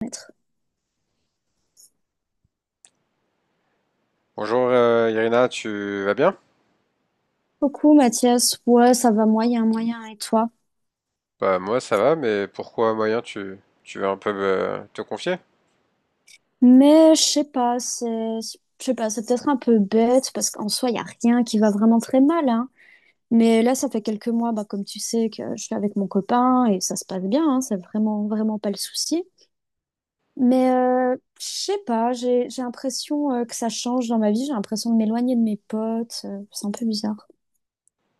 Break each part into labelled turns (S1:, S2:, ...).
S1: Merci
S2: Bonjour Irina, tu vas bien?
S1: beaucoup, Mathias. Ouais, ça va moyen, moyen, et toi?
S2: Bah moi ça va, mais pourquoi moyen tu veux un peu te confier?
S1: Mais je sais pas, c'est, je sais pas, c'est peut-être un peu bête parce qu'en soi, il y a rien qui va vraiment très mal, hein. Mais là, ça fait quelques mois, bah, comme tu sais, que je suis avec mon copain et ça se passe bien, hein, c'est vraiment, vraiment pas le souci. Mais je sais pas, j'ai l'impression que ça change dans ma vie, j'ai l'impression de m'éloigner de mes potes, c'est un peu bizarre.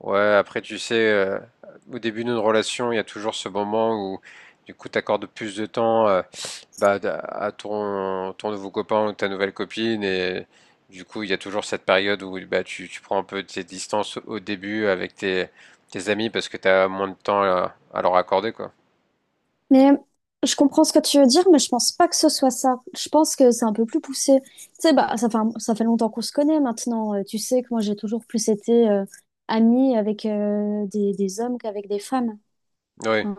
S2: Ouais, après tu sais, au début d'une relation, il y a toujours ce moment où du coup t'accordes plus de temps bah, à ton nouveau copain ou ta nouvelle copine, et du coup il y a toujours cette période où bah, tu prends un peu de tes distances au début avec tes amis parce que t'as moins de temps à leur accorder quoi.
S1: Mais je comprends ce que tu veux dire, mais je pense pas que ce soit ça. Je pense que c'est un peu plus poussé. Tu sais, bah, ça fait longtemps qu'on se connaît maintenant. Tu sais que moi, j'ai toujours plus été amie avec des hommes qu'avec des femmes.
S2: Oui,
S1: Hein.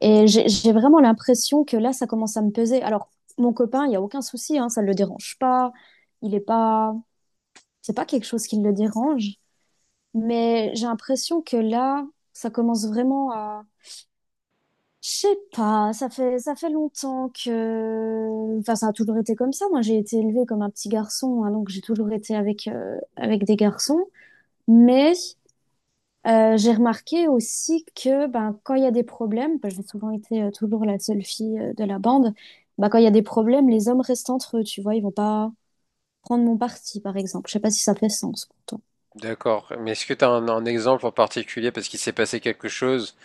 S1: Et j'ai vraiment l'impression que là, ça commence à me peser. Alors, mon copain, il n'y a aucun souci, hein, ça ne le dérange pas. Il est pas... C'est pas quelque chose qui le dérange. Mais j'ai l'impression que là, ça commence vraiment. Je sais pas, ça fait longtemps que... Enfin, ça a toujours été comme ça. Moi, j'ai été élevée comme un petit garçon, hein, donc j'ai toujours été avec, avec des garçons. Mais j'ai remarqué aussi que ben, quand il y a des problèmes, ben, j'ai souvent été toujours la seule fille de la bande, ben, quand il y a des problèmes, les hommes restent entre eux, tu vois, ils vont pas prendre mon parti, par exemple. Je sais pas si ça fait sens pour toi.
S2: d'accord. Mais est-ce que t'as un exemple en particulier parce qu'il s'est passé quelque chose?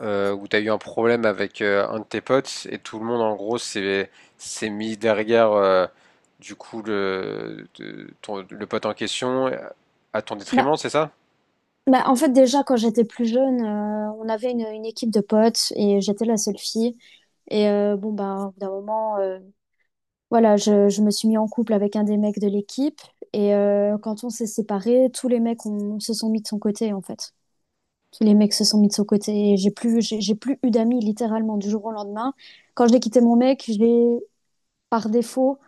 S2: Où t'as eu un problème avec un de tes potes et tout le monde en gros s'est mis derrière du coup le pote en question, à ton détriment,
S1: Bah,
S2: c'est ça?
S1: bah, en fait, déjà, quand j'étais plus jeune, on avait une équipe de potes et j'étais la seule fille. Et bon, bah, au bout d'un moment, voilà, je me suis mis en couple avec un des mecs de l'équipe et quand on s'est séparés, tous les mecs ont- se sont mis de son côté en fait. Tous les mecs se sont mis de son côté et j'ai plus, j'ai plus eu d'amis littéralement du jour au lendemain. Quand j'ai quitté mon mec, j'ai par défaut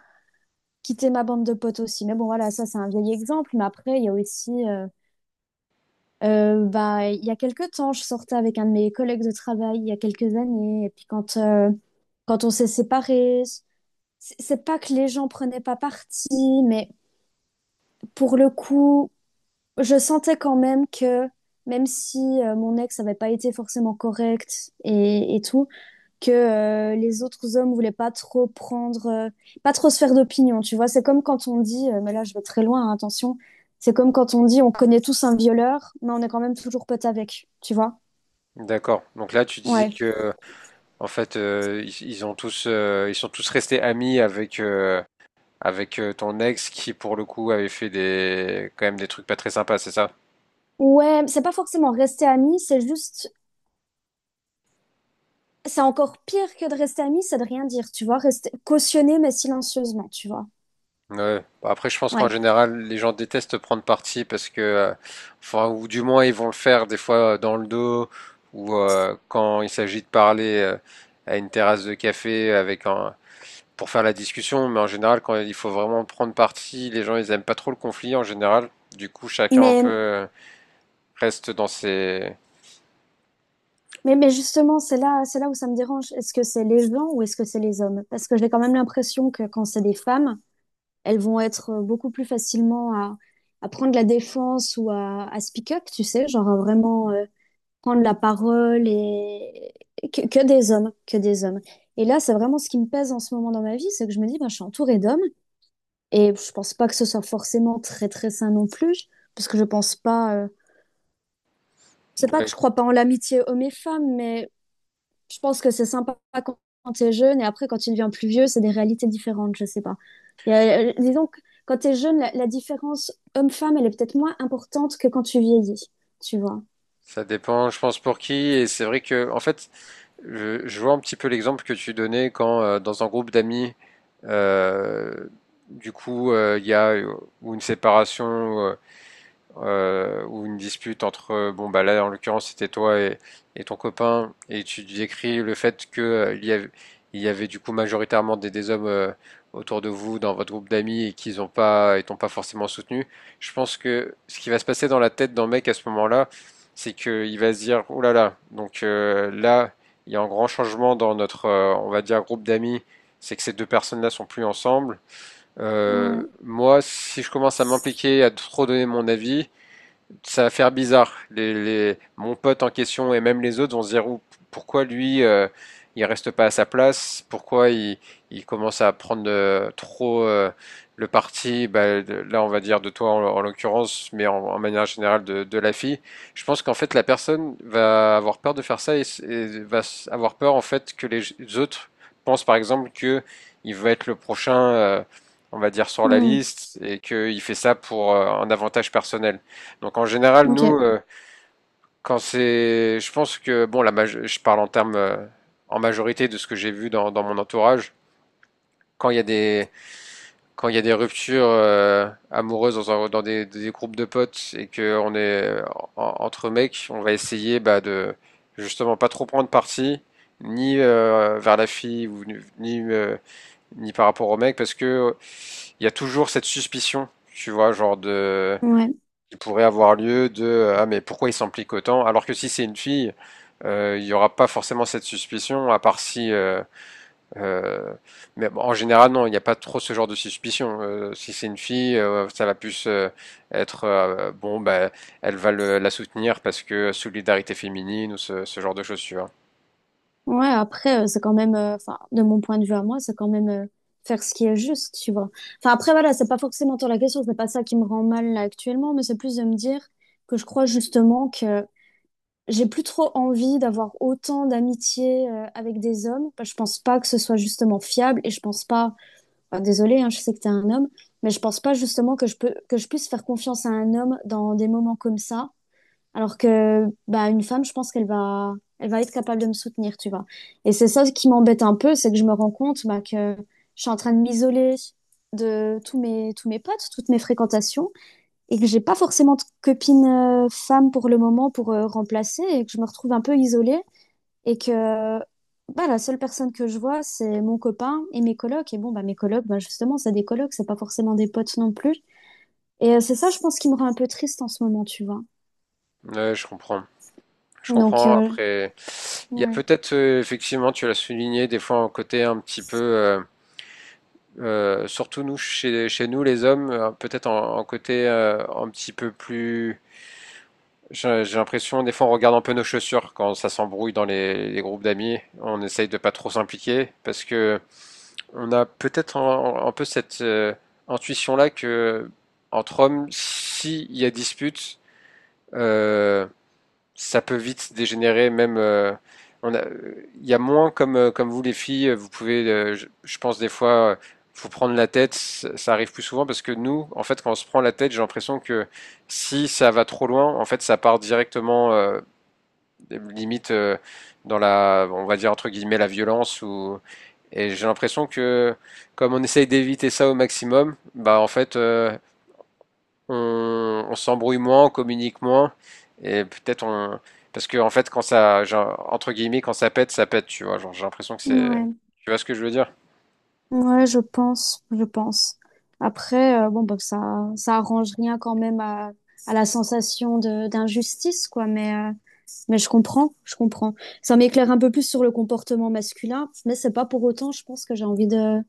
S1: quitté ma bande de potes aussi. Mais bon, voilà, ça c'est un vieil exemple. Mais après, il y a aussi, bah, il y a quelques temps, je sortais avec un de mes collègues de travail il y a quelques années et puis quand, quand on s'est séparés, c'est pas que les gens prenaient pas parti, mais pour le coup, je sentais quand même que, même si mon ex n'avait pas été forcément correct et tout, que les autres hommes voulaient pas trop prendre, pas trop se faire d'opinion, tu vois. C'est comme quand on dit, mais là je vais très loin, hein, attention, c'est comme quand on dit on connaît tous un violeur, mais on est quand même toujours potes avec, tu vois.
S2: D'accord. Donc là, tu disais
S1: Ouais.
S2: que en fait ils ont tous ils sont tous restés amis avec ton ex qui pour le coup avait fait des quand même des trucs pas très sympas, c'est ça?
S1: Ouais, c'est pas forcément rester ami, c'est juste, c'est encore pire que de rester ami, c'est de rien dire, tu vois, rester cautionner mais silencieusement, tu vois.
S2: Ouais. Bah, après, je pense qu'en
S1: Ouais.
S2: général, les gens détestent prendre parti parce que, enfin, ou du moins, ils vont le faire des fois dans le dos ou quand il s'agit de parler à une terrasse de café avec un, pour faire la discussion. Mais en général, quand il faut vraiment prendre parti, les gens, ils aiment pas trop le conflit en général. Du coup, chacun un peu
S1: Mais
S2: reste dans ses.
S1: mais justement, c'est là où ça me dérange. Est-ce que c'est les gens ou est-ce que c'est les hommes? Parce que j'ai quand même l'impression que quand c'est des femmes, elles vont être beaucoup plus facilement à prendre la défense ou à speak up, tu sais, genre à vraiment prendre la parole et que des hommes, que des hommes. Et là, c'est vraiment ce qui me pèse en ce moment dans ma vie, c'est que je me dis, bah, je suis entourée d'hommes et je pense pas que ce soit forcément très très sain non plus, parce que je pense pas. C'est pas que
S2: Ouais.
S1: je crois pas en l'amitié hommes et femmes, mais je pense que c'est sympa quand quand t'es jeune et après quand tu deviens plus vieux, c'est des réalités différentes, je sais pas. Disons que quand t'es jeune, la différence homme-femme, elle est peut-être moins importante que quand tu vieillis, tu vois.
S2: Ça dépend, je pense, pour qui. Et c'est vrai que, en fait, je vois un petit peu l'exemple que tu donnais quand dans un groupe d'amis, euh, du coup, il y a ou une séparation ou une dispute entre, bon bah là en l'occurrence c'était toi et ton copain, et tu décris le fait que il y avait du coup majoritairement des hommes autour de vous dans votre groupe d'amis et qu'ils ont pas, et t'ont pas forcément soutenu. Je pense que ce qui va se passer dans la tête d'un mec à ce moment-là, c'est qu'il va se dire, oh là là, donc là il y a un grand changement dans notre, on va dire groupe d'amis, c'est que ces deux personnes-là sont plus ensemble.
S1: Ouais.
S2: Moi, si je commence à m'impliquer, à trop donner mon avis, ça va faire bizarre. Mon pote en question et même les autres vont se dire pourquoi lui, il reste pas à sa place, pourquoi il commence à prendre trop le parti, bah, là on va dire de toi en, en l'occurrence, mais en, en manière générale de la fille. Je pense qu'en fait la personne va avoir peur de faire ça et va avoir peur en fait que les autres pensent par exemple que il va être le prochain on va dire sur la
S1: Hmm.
S2: liste, et qu'il fait ça pour un avantage personnel. Donc en général,
S1: Ok.
S2: nous, quand c'est, je pense que bon, je parle en termes en majorité de ce que j'ai vu dans, dans mon entourage. Quand il y a des Quand il y a des ruptures amoureuses dans, dans des groupes de potes et que on est entre mecs, on va essayer bah, de justement pas trop prendre parti ni vers la fille ou ni par rapport au mec parce que il y a toujours cette suspicion, tu vois, genre de.
S1: Ouais.
S2: Il pourrait avoir lieu de ah mais pourquoi il s'implique autant? Alors que si c'est une fille, il n'y aura pas forcément cette suspicion, à part si. Euh, mais bon, en général, non, il n'y a pas trop ce genre de suspicion. Si c'est une fille, ça va plus être bon, bah, elle va la soutenir parce que solidarité féminine ou ce genre de choses, tu vois.
S1: Ouais, après, c'est quand même, enfin, de mon point de vue à moi, c'est quand même faire ce qui est juste, tu vois. Enfin, après, voilà, c'est pas forcément tant la question, c'est pas ça qui me rend mal là, actuellement, mais c'est plus de me dire que je crois justement que j'ai plus trop envie d'avoir autant d'amitié avec des hommes. Bah, je pense pas que ce soit justement fiable et je pense pas. Enfin, désolée, hein, je sais que t'es un homme, mais je pense pas justement que je puisse faire confiance à un homme dans des moments comme ça. Alors que bah une femme, je pense qu'elle va, elle va être capable de me soutenir, tu vois. Et c'est ça qui m'embête un peu, c'est que je me rends compte bah, que je suis en train de m'isoler de tous mes potes, toutes mes fréquentations et que j'ai pas forcément de copine femme pour le moment pour remplacer et que je me retrouve un peu isolée et que bah, la seule personne que je vois, c'est mon copain et mes colocs. Et bon, bah, mes colocs, bah, justement, c'est des colocs, c'est pas forcément des potes non plus. Et c'est ça, je pense, qui me rend un peu triste en ce moment, tu vois.
S2: Ouais, je comprends. Je
S1: Donc,
S2: comprends. Après, il y a
S1: ouais.
S2: peut-être effectivement, tu l'as souligné, des fois un côté un petit peu. Surtout nous, chez nous, les hommes, peut-être en, en côté un petit peu plus. J'ai l'impression, des fois, on regarde un peu nos chaussures quand ça s'embrouille dans les groupes d'amis. On essaye de pas trop s'impliquer parce que on a peut-être un peu cette intuition-là que entre hommes, s'il y a dispute, euh, ça peut vite dégénérer, même. On a, il y a moins comme, comme vous les filles, vous pouvez, je pense des fois, vous prendre la tête, ça arrive plus souvent parce que nous, en fait, quand on se prend la tête, j'ai l'impression que si ça va trop loin, en fait, ça part directement, limite, dans la, on va dire entre guillemets, la violence ou, et j'ai l'impression que comme on essaye d'éviter ça au maximum, bah en fait, on s'embrouille moins, on communique moins, et peut-être on. Parce que, en fait, quand ça, genre, entre guillemets, quand ça pète, tu vois. Genre, j'ai l'impression que c'est.
S1: Ouais.
S2: Tu vois ce que je veux dire?
S1: Ouais, je pense, je pense. Après, bon, bah, ça arrange rien quand même à la sensation de d'injustice, quoi. Mais je comprends, je comprends. Ça m'éclaire un peu plus sur le comportement masculin, mais c'est pas pour autant, je pense que j'ai envie de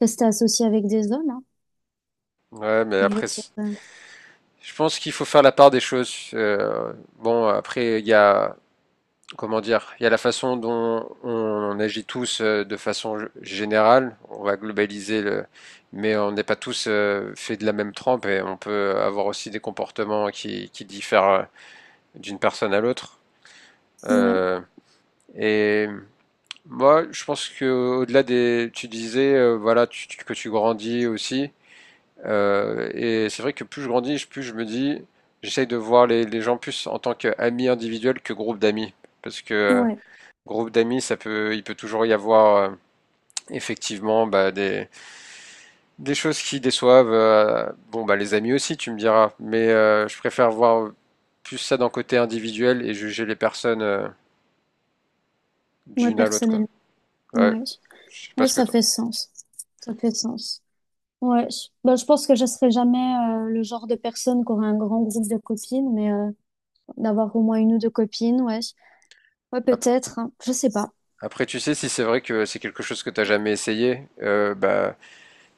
S1: rester associée avec des hommes, hein.
S2: Ouais, mais
S1: Je veux
S2: après,
S1: dire,
S2: je pense qu'il faut faire la part des choses. Bon, après, il y a, comment dire, il y a la façon dont on agit tous de façon générale. On va globaliser le, mais on n'est pas tous faits de la même trempe et on peut avoir aussi des comportements qui diffèrent d'une personne à l'autre.
S1: ouais,
S2: Euh, Et moi, je pense que au-delà des, tu disais, voilà, que tu grandis aussi. Et c'est vrai que plus je grandis, plus je me dis, j'essaye de voir les gens plus en tant qu'amis individuels que groupe d'amis, parce que
S1: ouais,
S2: groupe d'amis, ça peut, il peut toujours y avoir effectivement bah, des choses qui déçoivent. Bon, bah les amis aussi, tu me diras. Mais je préfère voir plus ça d'un côté individuel et juger les personnes
S1: moi
S2: d'une à l'autre, quoi.
S1: personnellement,
S2: Ouais,
S1: ouais,
S2: je sais pas
S1: ouais,
S2: ce que
S1: ça fait sens, ça fait sens. Ouais, bah, je pense que je serai jamais le genre de personne qui aura un grand groupe de copines, mais d'avoir au moins une ou deux copines, ouais. Ouais,
S2: bah,
S1: peut-être, hein. Je sais pas.
S2: après, tu sais, si c'est vrai que c'est quelque chose que t'as jamais essayé, bah,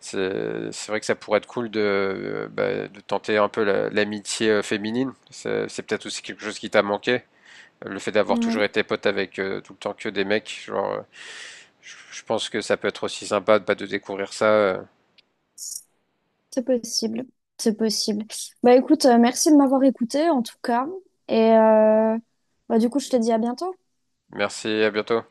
S2: c'est vrai que ça pourrait être cool de, bah, de tenter un peu l'amitié féminine. C'est peut-être aussi quelque chose qui t'a manqué. Le fait d'avoir toujours
S1: Ouais,
S2: été pote avec tout le temps que des mecs, genre, je pense que ça peut être aussi sympa de, bah, de découvrir ça.
S1: c'est possible. C'est possible. Bah écoute, merci de m'avoir écouté en tout cas. Et bah, du coup, je te dis à bientôt.
S2: Merci, à bientôt.